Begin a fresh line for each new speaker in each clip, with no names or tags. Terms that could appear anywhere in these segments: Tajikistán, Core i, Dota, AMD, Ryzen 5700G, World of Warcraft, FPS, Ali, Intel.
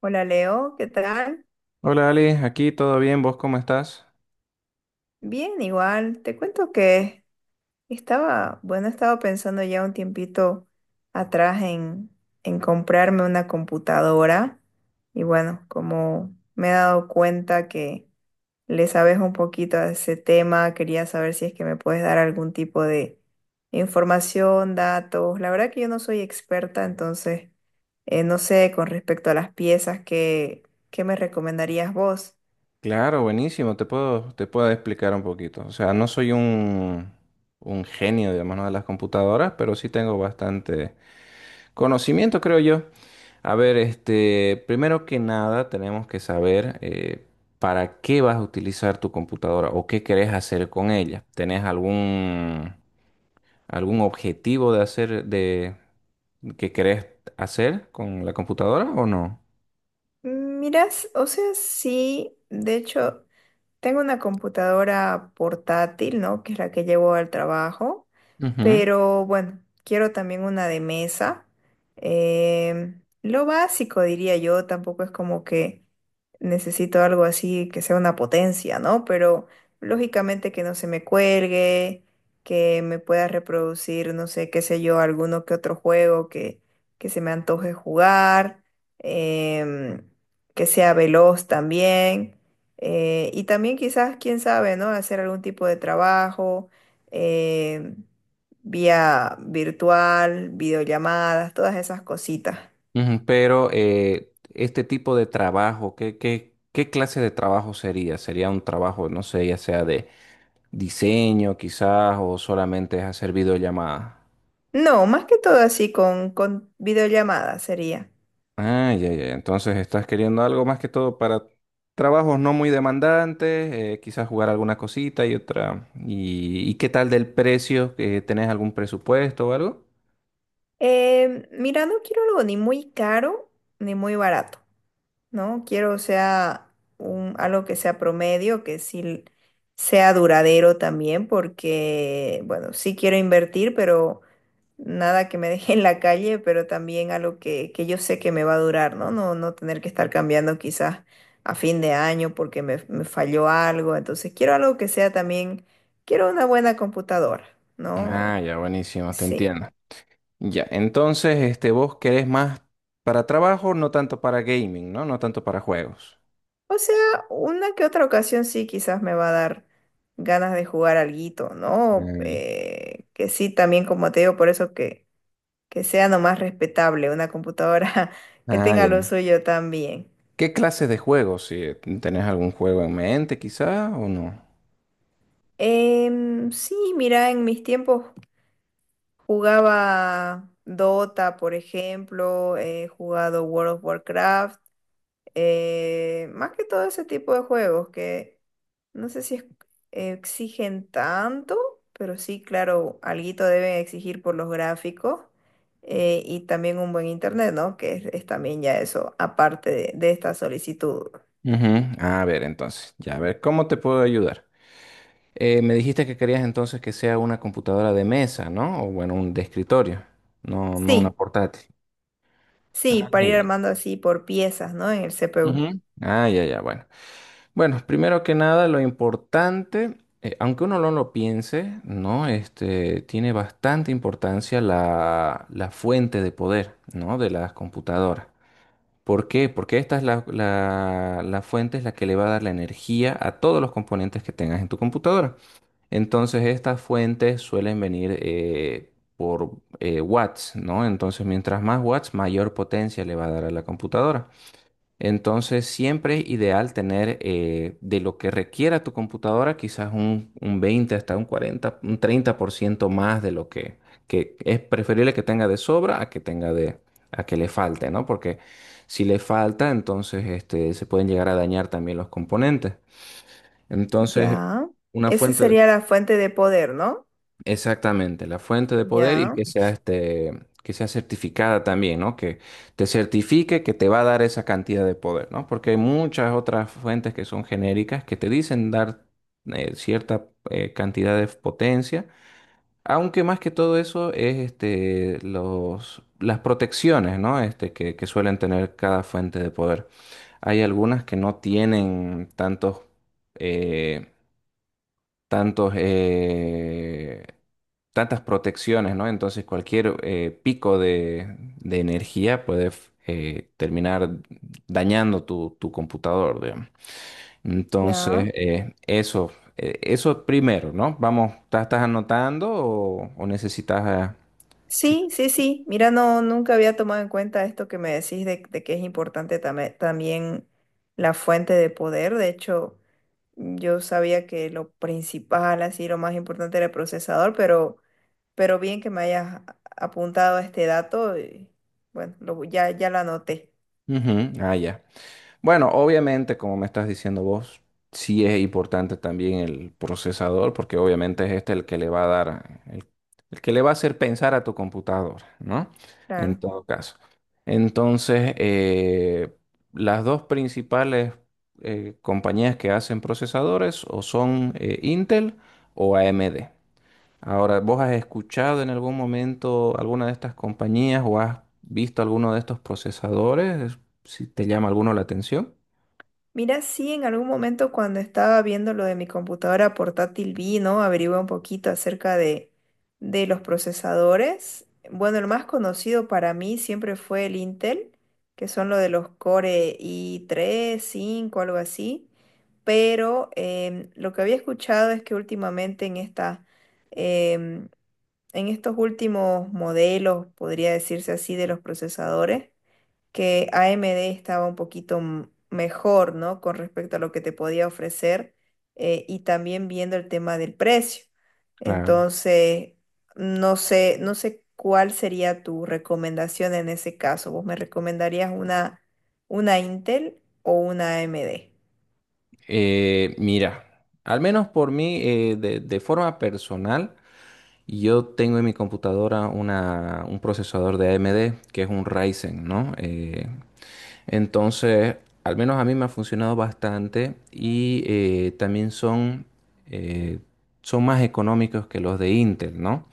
Hola Leo, ¿qué tal?
Hola Ali, aquí todo bien, ¿vos cómo estás?
Bien, igual. Te cuento que estaba, estaba pensando ya un tiempito atrás en comprarme una computadora y como me he dado cuenta que le sabes un poquito a ese tema, quería saber si es que me puedes dar algún tipo de información, datos. La verdad que yo no soy experta, entonces no sé con respecto a las piezas, ¿qué me recomendarías vos?
Claro, buenísimo, te puedo explicar un poquito. O sea, no soy un genio, digamos, ¿no? de las computadoras, pero sí tengo bastante conocimiento, creo yo. A ver, este, primero que nada tenemos que saber para qué vas a utilizar tu computadora o qué querés hacer con ella. ¿Tenés algún objetivo de hacer, de, que querés hacer con la computadora o no?
Miras, o sea, sí, de hecho, tengo una computadora portátil, ¿no? Que es la que llevo al trabajo.
Ujú.
Pero bueno, quiero también una de mesa. Lo básico, diría yo, tampoco es como que necesito algo así que sea una potencia, ¿no? Pero lógicamente que no se me cuelgue, que me pueda reproducir, no sé, qué sé yo, alguno que otro juego que se me antoje jugar, em, que sea veloz también. Y también quizás, quién sabe, ¿no? Hacer algún tipo de trabajo. em, Vía virtual, videollamadas, todas esas cositas.
Ujú, pero este tipo de trabajo, ¿qué clase de trabajo sería? ¿Sería un trabajo, no sé, ya sea de diseño quizás o solamente es hacer videollamadas?
No, más que todo así con videollamadas sería.
Ah, ya, ya. Entonces estás queriendo algo más que todo para trabajos no muy demandantes, quizás jugar alguna cosita y otra. ¿Y qué tal del precio? ¿Tenés algún presupuesto o algo?
Mira, no quiero algo ni muy caro ni muy barato, ¿no? Quiero, o sea, algo que sea promedio, que sí sea duradero también, porque, bueno, sí quiero invertir, pero nada que me deje en la calle, pero también algo que yo sé que me va a durar, ¿no? No tener que estar cambiando quizás a fin de año porque me falló algo. Entonces quiero algo que sea también, quiero una buena computadora, ¿no?
Ah, ya, buenísimo, te
Sí.
entiendo. Ya, entonces, este, vos querés más para trabajo, no tanto para gaming, ¿no? No tanto para juegos.
O sea, una que otra ocasión sí quizás me va a dar ganas de jugar alguito, ¿no?
Eh,
Que sí, también como te digo, por eso que sea nomás respetable una computadora que
Ah,
tenga lo
ya.
suyo también.
¿Qué clases de juegos? Si tenés algún juego en mente, quizá, o no.
Sí, mira, en mis tiempos jugaba Dota, por ejemplo, he jugado World of Warcraft, más que todo ese tipo de juegos que no sé si es- exigen tanto, pero sí, claro, alguito deben exigir por los gráficos y también un buen internet, ¿no? Que es también ya eso, aparte de esta solicitud.
Ujú. Ah, a ver, entonces, ya, a ver, ¿cómo te puedo ayudar? Me dijiste que querías entonces que sea una computadora de mesa, ¿no? O bueno, un de escritorio, no, no una
Sí,
portátil.
sí,
Ah, ya,
para ir
ya.
armando así por piezas, ¿no? En el CPU.
Ujú. Ah, ya, ya, bueno. Bueno, primero que nada, lo importante, aunque uno no lo piense, ¿no? Este, tiene bastante importancia la fuente de poder, ¿no? De las computadoras. ¿Por qué? Porque esta es la fuente es la que le va a dar la energía a todos los componentes que tengas en tu computadora. Entonces, estas fuentes suelen venir por watts, ¿no? Entonces, mientras más watts, mayor potencia le va a dar a la computadora. Entonces, siempre es ideal tener de lo que requiera tu computadora, quizás un 20 hasta un 40 un 30% más de lo que es preferible que tenga de sobra a que tenga de, a que le falte, ¿no? Porque si le falta, entonces este, se pueden llegar a dañar también los componentes. Entonces,
Ya.
una
Esa
fuente,
sería la fuente de poder, ¿no?
exactamente, la fuente de poder y
Ya,
que sea este, que sea certificada también, ¿no? Que te certifique que te va a dar esa cantidad de poder, ¿no? Porque hay muchas otras fuentes que son genéricas que te dicen dar cierta cantidad de potencia, aunque más que todo eso es este, los, las protecciones, ¿no? Este, que suelen tener cada fuente de poder. Hay algunas que no tienen tantos, eh, tantos, tantas protecciones, ¿no? Entonces cualquier pico de energía puede terminar dañando tu, tu computador, digamos.
ya.
Entonces, eso, eso primero, ¿no? Vamos, ¿tá- ¿estás anotando o necesitas... que-
Sí, sí, sí. Mira, no, nunca había tomado en cuenta esto que me decís de que es importante tame- también la fuente de poder. De hecho, yo sabía que lo principal, así, lo más importante era el procesador, pero bien que me hayas a- apuntado a este dato. Y, bueno, ya lo anoté.
Ujú, ah, ya. Bueno, obviamente, como me estás diciendo vos, sí es importante también el procesador, porque obviamente es este el que le va a dar, el que le va a hacer pensar a tu computadora, ¿no? En
Claro.
todo caso. Entonces, las dos principales compañías que hacen procesadores o son Intel o AMD. Ahora, ¿vos has escuchado en algún momento alguna de estas compañías o has visto alguno de estos procesadores? Si te llama alguno la atención.
Mira, sí, en algún momento cuando estaba viendo lo de mi computadora portátil vi, ¿no? Averigué un poquito acerca de los procesadores. Bueno, el más conocido para mí siempre fue el Intel, que son lo de los Core i tres, cinco, algo así. Pero lo que había escuchado es que últimamente en em, en estos últimos modelos, podría decirse así, de los procesadores, que AMD estaba un poquito m- mejor, ¿no? Con respecto a lo que te podía ofrecer y también viendo el tema del precio.
Claro.
Entonces, no sé, no sé cuál sería tu recomendación en ese caso. ¿Vos me recomendarías una Intel o una AMD?
Mira, al menos por mí, de forma personal, yo tengo en mi computadora una, un procesador de AMD que es un Ryzen, ¿no? Entonces, al menos a mí me ha funcionado bastante y también son, eh, son más económicos que los de Intel, ¿no?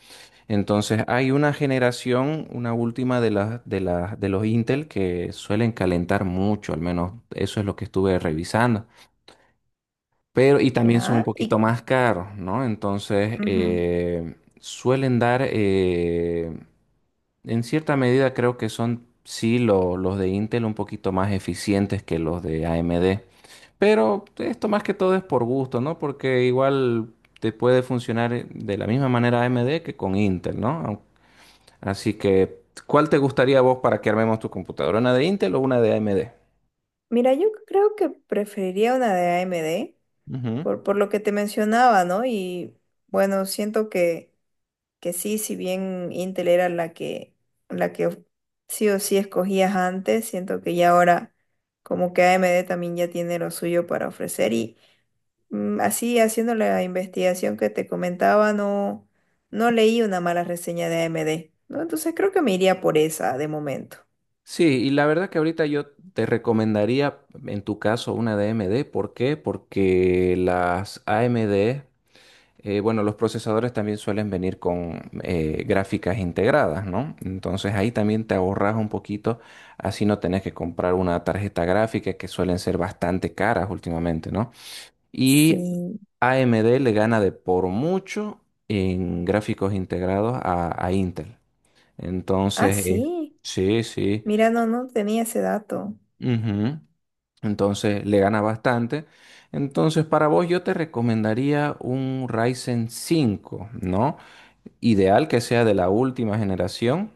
Entonces hay una generación, una última de las de los Intel que suelen calentar mucho, al menos eso es lo que estuve revisando. Pero, y también son un
¿Ya?
poquito
Y,
más caros, ¿no? Entonces,
ujú.
suelen dar, en cierta medida creo que son, sí, lo- los de Intel un poquito más eficientes que los de AMD. Pero esto más que todo es por gusto, ¿no? Porque igual te puede funcionar de la misma manera AMD que con Intel, ¿no? Au- así que, ¿cuál te gustaría a vos para que armemos tu computadora? ¿Una de Intel o una de AMD?
Mira, yo creo que preferiría una de AMD por lo que te mencionaba, ¿no? Y bueno, siento que sí, si bien Intel era la que sí o sí escogías antes, siento que ya ahora como que AMD también ya tiene lo suyo para ofrecer y mm, así haciendo la investigación que te comentaba, no, no leí una mala reseña de AMD, ¿no? Entonces creo que me iría por esa de momento.
Sí, y la verdad que ahorita yo te recomendaría en tu caso una de AMD. ¿Por qué? Porque las AMD, bueno, los procesadores también suelen venir con gráficas integradas, ¿no? Entonces ahí también te ahorras un poquito, así no tenés que comprar una tarjeta gráfica que suelen ser bastante caras últimamente, ¿no? Y
Sí.
AMD le gana de por mucho en gráficos integrados a Intel.
Ah,
Entonces,
sí.
sí, sí.
Mira, no, no tenía ese dato.
Ujú. Entonces le gana bastante. Entonces para vos yo te recomendaría un Ryzen 5, ¿no? Ideal que sea de la última generación,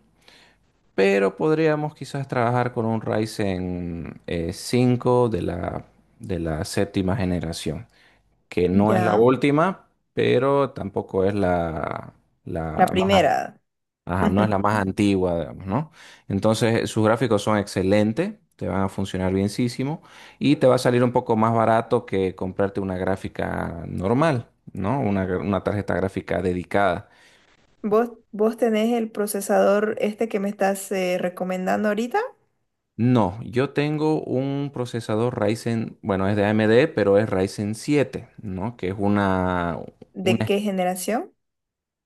pero podríamos quizás trabajar con un Ryzen 5 de la séptima generación, que no es la
Ya.
última, pero tampoco es la,
La
la más
primera.
ajá, no es la más antigua, digamos, ¿no? Entonces, sus gráficos son excelentes, te van a funcionar bienísimo y te va a salir un poco más barato que comprarte una gráfica normal, ¿no? Una, gra- una tarjeta gráfica dedicada.
¿Vos tenés el procesador este que me estás recomendando ahorita?
No, yo tengo un procesador Ryzen, bueno, es de AMD, pero es Ryzen 7, ¿no? Que es
¿De
una,
qué generación?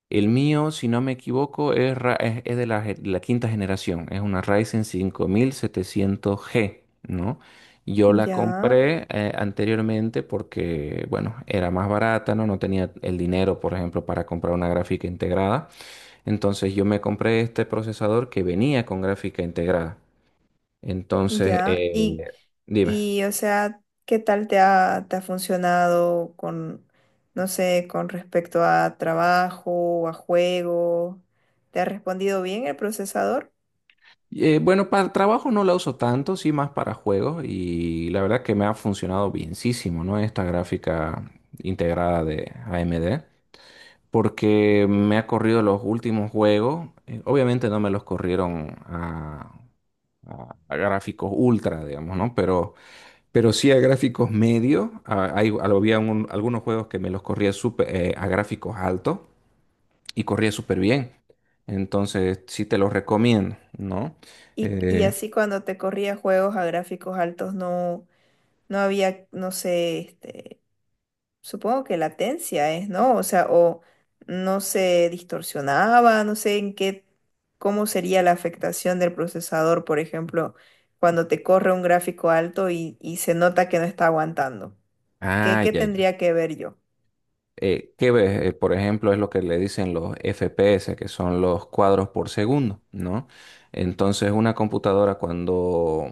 el mío, si no me equivoco, es, ra- es de la, ge- la quinta generación. Es una Ryzen 5700G, ¿no? Yo la
Ya,
compré anteriormente porque, bueno, era más barata, ¿no? No tenía el dinero, por ejemplo, para comprar una gráfica integrada. Entonces yo me compré este procesador que venía con gráfica integrada. Entonces,
ya. Y,
dime.
y o sea, ¿qué tal te ha funcionado con, no sé, con respecto a trabajo, o a juego? ¿Te ha respondido bien el procesador?
Bueno, para trabajo no la uso tanto, sí más para juegos y la verdad que me ha funcionado bienísimo, ¿no? Esta gráfica integrada de AMD, porque me ha corrido los últimos juegos, obviamente no me los corrieron a gráficos ultra, digamos, ¿no? Pero sí a gráficos medios, hay, había un- algunos juegos que me los corría súper, a gráficos altos y corría súper bien, entonces sí te los recomiendo, ¿no?
Y
Eh,
así cuando te corría juegos a gráficos altos no, no había, no sé, este, supongo que latencia es, ¿no? O sea, o no se distorsionaba, no sé en qué, cómo sería la afectación del procesador, por ejemplo, cuando te corre un gráfico alto y se nota que no está aguantando. ¿Qué,
ah,
qué
ya, ya.
tendría que ver yo?
¿Qué ves? Por ejemplo, es lo que le dicen los FPS, que son los cuadros por segundo, ¿no? Entonces, una computadora cuando,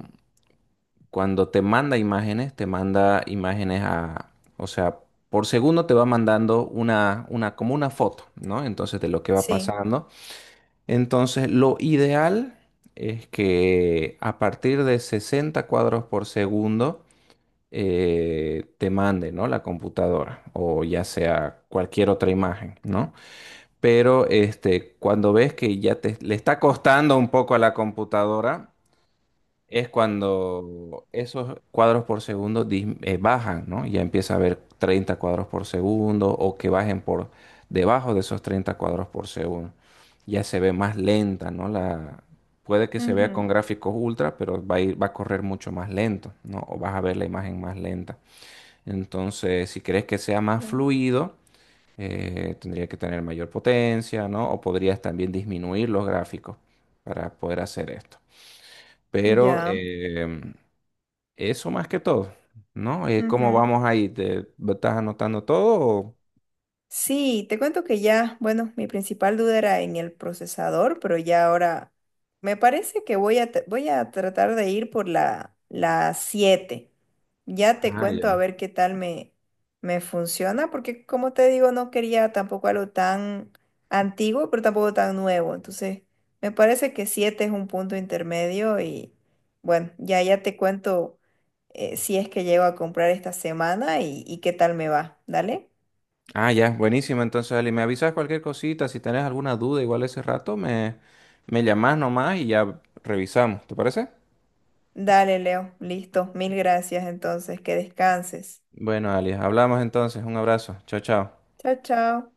cuando te manda imágenes a, o sea, por segundo te va mandando una, como una foto, ¿no? Entonces, de lo que va
Sí,
pasando. Entonces, lo ideal es que a partir de 60 cuadros por segundo, te mande, ¿no? La computadora o ya sea cualquier otra imagen, ¿no? Pero este, cuando ves que ya te, le está costando un poco a la computadora, es cuando esos cuadros por segundo dis- bajan, ¿no? Ya empieza a ver 30 cuadros por segundo o que bajen por debajo de esos 30 cuadros por segundo. Ya se ve más lenta, ¿no? La, puede que se vea
ujú,
con gráficos ultra, pero va a ir- va a correr mucho más lento, ¿no? O vas a ver la imagen más lenta. Entonces, si quieres que sea más
claro.
fluido, tendría que tener mayor potencia, ¿no? O podrías también disminuir los gráficos para poder hacer esto. Pero
Ya.
em, eso más que todo, ¿no? ¿Cómo vamos ahí? ¿Te estás anotando todo? O-
Sí, te cuento que ya, bueno, mi principal duda era en el procesador, pero ya ahora me parece que voy a, voy a tratar de ir por la 7. Ya te
ah, ya.
cuento a ver qué tal me funciona, porque como te digo, no quería tampoco algo tan antiguo, pero tampoco tan nuevo. Entonces, me parece que 7 es un punto intermedio y bueno, ya te cuento si es que llego a comprar esta semana y qué tal me va. Dale.
Ah, ya, buenísimo. Entonces, Ali, me avisas cualquier cosita. Si tenés alguna duda, igual ese rato, me llamás nomás y ya revisamos. ¿Te parece?
Dale, Leo. Listo. Mil gracias entonces. Que descanses.
Bueno, Ali, hablamos entonces. Un abrazo. Chao, chao.
Chao, chao.